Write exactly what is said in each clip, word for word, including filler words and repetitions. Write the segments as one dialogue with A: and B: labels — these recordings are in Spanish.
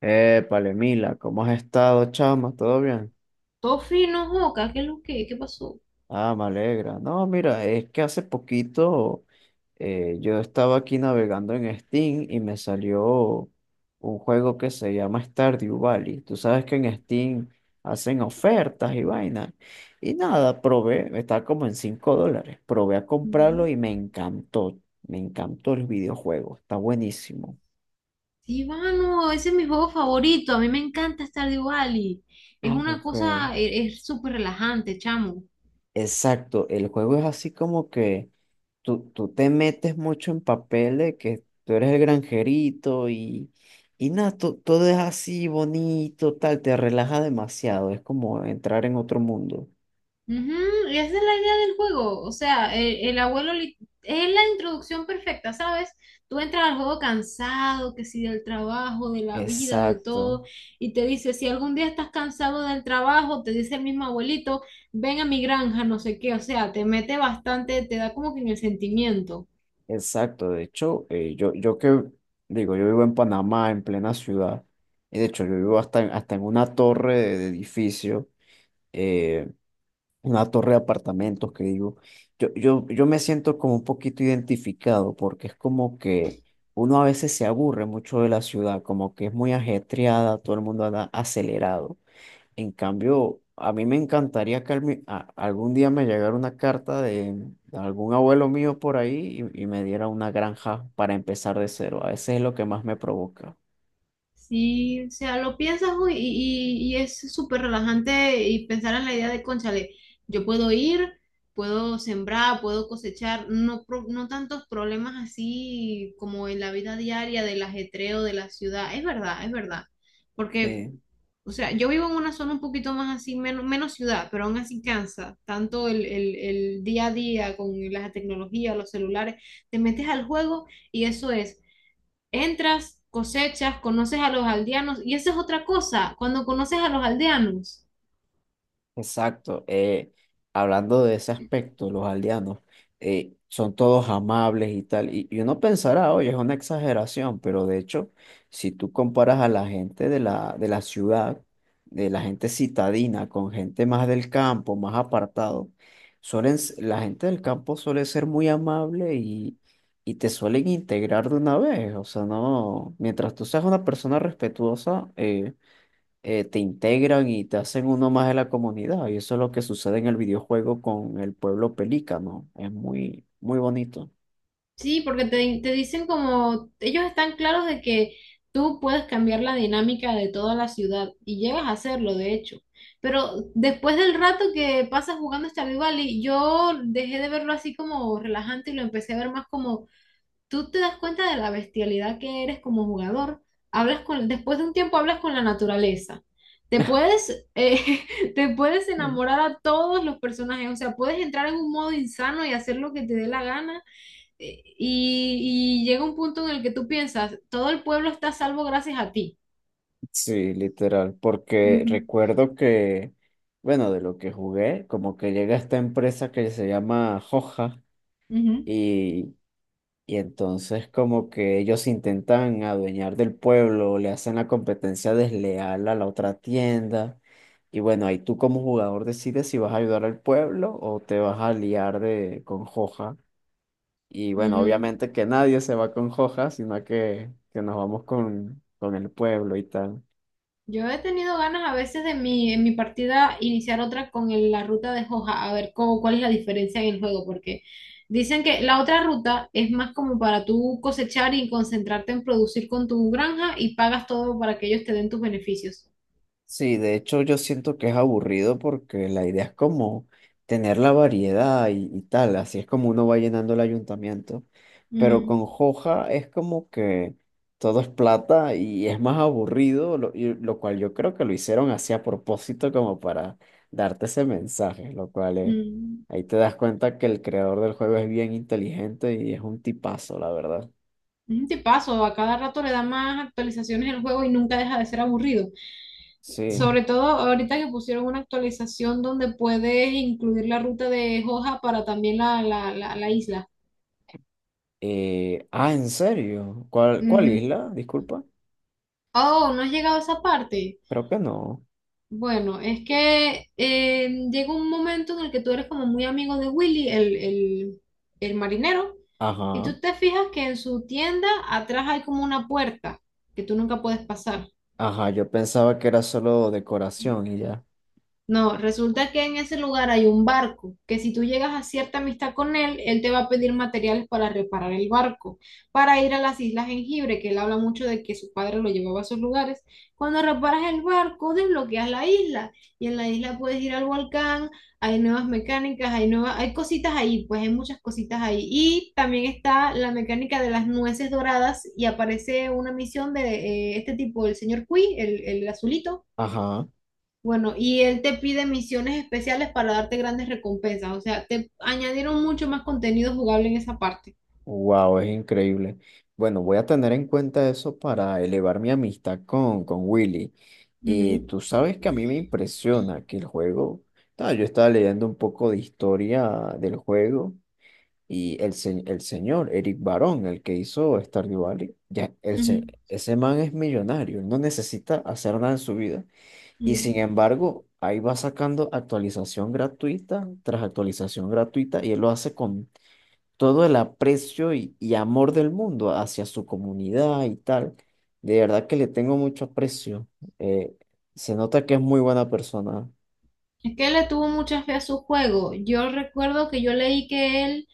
A: Eh, Palemila, ¿cómo has estado, chama? ¿Todo bien?
B: Todo free no Joca, ¿qué es lo que? ¿Qué pasó?
A: Ah, me alegra. No, mira, es que hace poquito eh, yo estaba aquí navegando en Steam y me salió un juego que se llama Stardew Valley. Tú sabes que en Steam hacen ofertas y vainas. Y nada, probé, está como en cinco dólares. Probé a comprarlo
B: Ujú.
A: y me encantó. Me encantó el videojuego, está buenísimo.
B: Sí, mano, ese es mi juego favorito. A mí me encanta Stardew Valley. Es
A: Ah,
B: una
A: ok.
B: cosa, e- es súper relajante, chamo.
A: Exacto, el juego es así como que tú, tú te metes mucho en papel de que tú eres el granjerito y, y nada, to- todo es así bonito, tal, te relaja demasiado, es como entrar en otro mundo.
B: Ujú, y esa es la idea del juego. O sea, el, el abuelo li- es la introducción perfecta, ¿sabes? Tú entras al juego cansado, que si del trabajo, de la vida, de
A: Exacto,
B: todo, y te dice, si algún día estás cansado del trabajo, te dice el mismo abuelito, ven a mi granja, no sé qué. O sea, te mete bastante, te da como que en el sentimiento.
A: exacto. De hecho, eh, yo, yo que digo, yo vivo en Panamá, en plena ciudad, y de hecho yo vivo hasta en, hasta en una torre de, de edificio. eh, una torre de apartamentos que digo, yo, yo, yo me siento como un poquito identificado porque es como que uno a veces se aburre mucho de la ciudad, como que es muy ajetreada, todo el mundo anda acelerado. En cambio, a mí me encantaría que al mi- a- algún día me llegara una carta de, de algún abuelo mío por ahí y, y me diera una granja para empezar de cero. A veces es lo que más me provoca.
B: Sí, o sea, lo piensas uy, y, y- y es súper relajante y pensar en la idea de, cónchale, yo puedo ir, puedo sembrar, puedo cosechar, no, pro- no tantos problemas así como en la vida diaria del ajetreo de la ciudad. Es verdad, es verdad. Porque,
A: Sí,
B: o sea, yo vivo en una zona un poquito más así, menos, menos ciudad, pero aún así cansa. Tanto el, el, el día a día con la tecnología, los celulares, te metes al juego y eso es entras, cosechas, conoces a los aldeanos, y esa es otra cosa, cuando conoces a los aldeanos,
A: exacto. Eh, hablando de ese aspecto, los aldeanos eh, son todos amables y tal. Y, y uno pensará, oye, es una exageración, pero de hecho, si tú comparas a la gente de la, de la ciudad, de la gente citadina, con gente más del campo, más apartado, suelen, s- la gente del campo suele ser muy amable y, y te suelen integrar de una vez. O sea, no, mientras tú seas una persona respetuosa, eh, eh, te integran y te hacen uno más de la comunidad. Y eso es lo que sucede en el videojuego con el pueblo pelícano. Es muy, muy bonito.
B: sí, porque te, te dicen como, ellos están claros de que tú puedes cambiar la dinámica de toda la ciudad, y llegas a hacerlo, de hecho. Pero después del rato que pasas jugando Stardew Valley, yo dejé de verlo así como relajante y lo empecé a ver más como tú te das cuenta de la bestialidad que eres como jugador. Hablas con, después de un tiempo hablas con la naturaleza. Te puedes, eh, te puedes
A: Mm.
B: enamorar a todos los personajes, o sea, puedes entrar en un modo insano y hacer lo que te dé la gana. eh, y, y llega un punto en el que tú piensas, todo el pueblo está a salvo gracias a ti.
A: Sí, literal, porque
B: Ujú,
A: recuerdo que, bueno, de lo que jugué, como que llega esta empresa que se llama Hoja
B: ujú,
A: y. Y entonces como que ellos intentan adueñar del pueblo, le hacen la competencia desleal a la otra tienda. Y bueno, ahí tú como jugador decides si vas a ayudar al pueblo o te vas a liar de, con Joja. Y bueno,
B: ujú.
A: obviamente que nadie se va con Joja, sino que, que nos vamos con, con el pueblo y tal.
B: Yo he tenido ganas a veces de mi, en mi partida iniciar otra con el- la ruta de Hoja, a ver cómo, cuál es la diferencia en el juego, porque dicen que la otra ruta es más como para tú cosechar y concentrarte en producir con tu granja y pagas todo para que ellos te den tus beneficios.
A: Sí, de hecho yo siento que es aburrido porque la idea es como tener la variedad y, y tal, así es como uno va llenando el ayuntamiento, pero
B: Ujú.
A: con Joja es como que todo es plata y es más aburrido, lo, y lo cual yo creo que lo hicieron así a propósito como para darte ese mensaje, lo cual eh,
B: Mm.
A: ahí te das cuenta que el creador del juego es bien inteligente y es un tipazo, la verdad.
B: Es un tipazo, a cada rato le da más actualizaciones el juego y nunca deja de ser aburrido.
A: Sí. Mm.
B: Sobre todo ahorita que pusieron una actualización donde puedes incluir la ruta de Hoja para también la, la la- la isla.
A: Eh, ah, ¿en serio? ¿Cuál, cuál
B: Ujú.
A: isla? Disculpa,
B: Oh, ¿no has llegado a esa parte?
A: creo que no.
B: Bueno, es que eh, llega un momento en el que tú eres como muy amigo de Willy, el, el, el marinero, y
A: Ajá,
B: tú te fijas que en su tienda atrás hay como una puerta que tú nunca puedes pasar.
A: ajá, yo pensaba que era solo decoración y ya.
B: No, resulta que en ese lugar hay un barco, que si tú llegas a cierta amistad con él, él te va a pedir materiales para reparar el barco, para ir a las Islas Jengibre, que él habla mucho de que su padre lo llevaba a esos lugares. Cuando reparas el barco, desbloqueas la isla y en la isla puedes ir al volcán, hay nuevas mecánicas, hay nuevas, hay cositas ahí, pues hay muchas cositas ahí. Y también está la mecánica de las nueces doradas y aparece una misión de eh, este tipo, el señor Cui, el, el azulito
A: Ajá,
B: bueno, y él te pide misiones especiales para darte grandes recompensas. O sea, te añadieron mucho más contenido jugable en esa parte.
A: wow, es increíble. Bueno, voy a tener en cuenta eso para elevar mi amistad con, con Willy. Y
B: Ujú,
A: tú sabes que a mí me impresiona que el juego. Ah, yo estaba leyendo un poco de historia del juego y el, se- el señor Eric Barón, el que hizo Stardew Valley, ya, el se-
B: ujú,
A: ese man es millonario, él no necesita hacer nada en su vida. Y sin
B: ujú.
A: embargo, ahí va sacando actualización gratuita tras actualización gratuita y él lo hace con todo el aprecio y, y amor del mundo hacia su comunidad y tal. De verdad que le tengo mucho aprecio. Eh, Se nota que es muy buena persona.
B: Es que él le tuvo mucha fe a su juego. Yo recuerdo que yo leí que él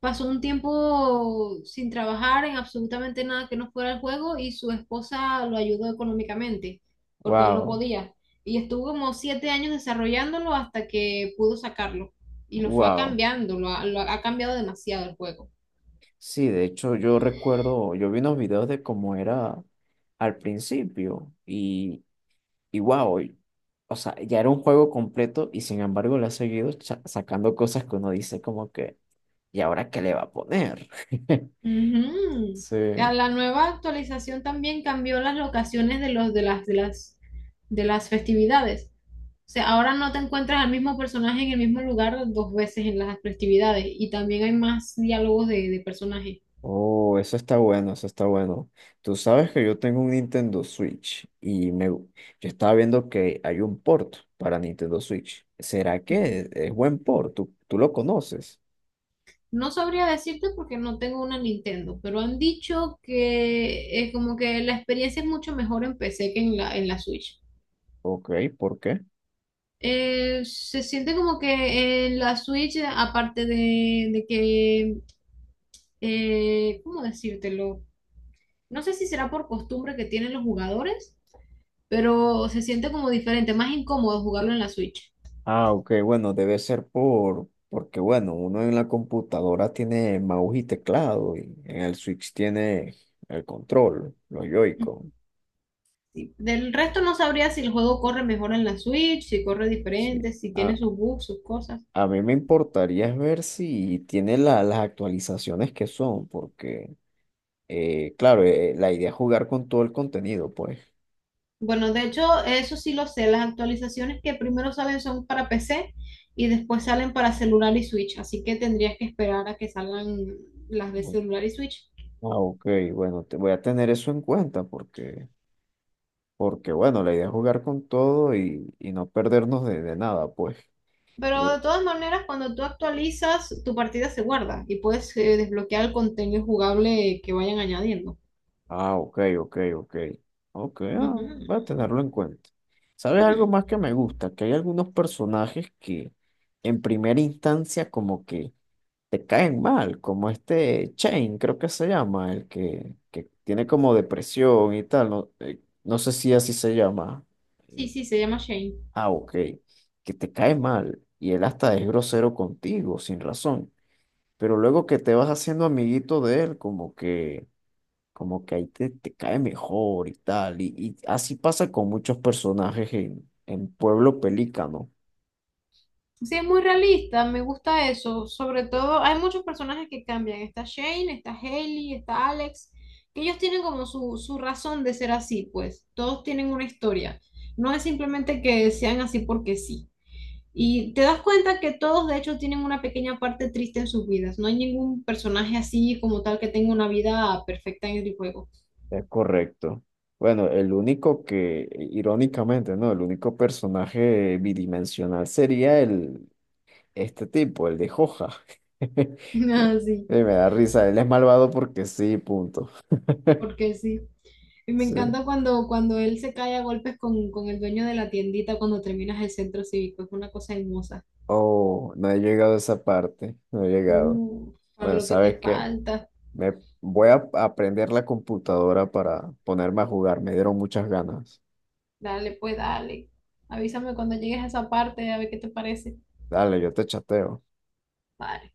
B: pasó un tiempo sin trabajar en absolutamente nada que no fuera el juego y su esposa lo ayudó económicamente porque él no
A: Wow,
B: podía. Y estuvo como siete años desarrollándolo hasta que pudo sacarlo. Y lo fue
A: wow.
B: cambiando, lo ha lo ha cambiado demasiado el juego.
A: Sí, de hecho yo recuerdo, yo vi unos videos de cómo era al principio y. Y wow, o sea, ya era un juego completo y sin embargo le ha seguido cha- sacando cosas que uno dice como que, ¿y ahora qué le va a poner?
B: Ujú.
A: Sí.
B: A la nueva actualización también cambió las locaciones de los de las de las de las festividades. O sea, ahora no te encuentras al mismo personaje en el mismo lugar dos veces en las festividades y también hay más diálogos de, de personajes.
A: Oh, eso está bueno, eso está bueno. Tú sabes que yo tengo un Nintendo Switch y me, gu- yo estaba viendo que hay un port para Nintendo Switch. ¿Será que
B: Ujú.
A: es, es buen port? ¿Tú, tú lo conoces?
B: No sabría decirte porque no tengo una Nintendo, pero han dicho que es como que la experiencia es mucho mejor en P C que en la, en la Switch.
A: Ok, ¿por qué?
B: Eh, se siente como que en la Switch, aparte de, de que eh, ¿cómo decírtelo? No sé si será por costumbre que tienen los jugadores, pero se siente como diferente, más incómodo jugarlo en la Switch.
A: Ah, ok, bueno, debe ser por, porque bueno, uno en la computadora tiene mouse y teclado y en el Switch tiene el control, los Joy-Con.
B: Sí. Del resto no sabría si el juego corre mejor en la Switch, si corre
A: Sí.
B: diferente, si tiene
A: A,
B: sus bugs, sus cosas.
A: a mí me importaría es ver si tiene la- las actualizaciones que son, porque eh, claro, eh, la idea es jugar con todo el contenido, pues.
B: Bueno, de hecho, eso sí lo sé, las actualizaciones que primero salen son para P C y después salen para celular y Switch, así que tendrías que esperar a que salgan las de
A: Mm.
B: celular y Switch.
A: Ah, ok, bueno, te voy a tener eso en cuenta porque, porque bueno, la idea es jugar con todo y, y no perdernos de, de nada, pues.
B: Pero
A: Eh,
B: de todas maneras, cuando tú actualizas, tu partida se guarda y puedes eh, desbloquear el contenido jugable que vayan añadiendo.
A: Ah, ok, ok, ok. Ok, ah,
B: Ujú,
A: voy a tenerlo en cuenta. ¿Sabes algo
B: ujú.
A: más que me gusta? Que hay algunos personajes que en primera instancia como que te caen mal, como este Chain, creo que se llama, el que, que tiene como depresión y tal, no, eh, no sé si así se llama.
B: Sí,
A: Eh,
B: sí, se llama Shane.
A: Ah, ok, que te cae mal y él hasta es grosero contigo, sin razón. Pero luego que te vas haciendo amiguito de él, como que como que ahí te, te cae mejor y tal. Y, y así pasa con muchos personajes en, en Pueblo Pelícano.
B: Sí, es muy realista, me gusta eso. Sobre todo, hay muchos personajes que cambian. Está Shane, está Hailey, está Alex, que ellos tienen como su, su razón de ser así, pues. Todos tienen una historia. No es simplemente que sean así porque sí. Y te das cuenta que todos de hecho tienen una pequeña parte triste en sus vidas. No hay ningún personaje así como tal que tenga una vida perfecta en el juego.
A: Es correcto. Bueno, el único que, irónicamente, ¿no? El único personaje bidimensional sería el, este tipo, el de Joja.
B: Así,
A: Y me da risa, él es malvado porque sí, punto.
B: porque sí. Y me
A: Sí.
B: encanta cuando, cuando él se cae a golpes con, con el dueño de la tiendita cuando terminas el centro cívico. Es una cosa hermosa.
A: Oh, no he llegado a esa parte, no he llegado.
B: Uh,
A: Bueno,
B: Pablo, qué
A: ¿sabes
B: te
A: qué?
B: falta.
A: Me voy a aprender la computadora para ponerme a jugar. Me dieron muchas ganas.
B: Dale, pues dale. Avísame cuando llegues a esa parte a ver qué te parece.
A: Dale, yo te chateo.
B: Vale.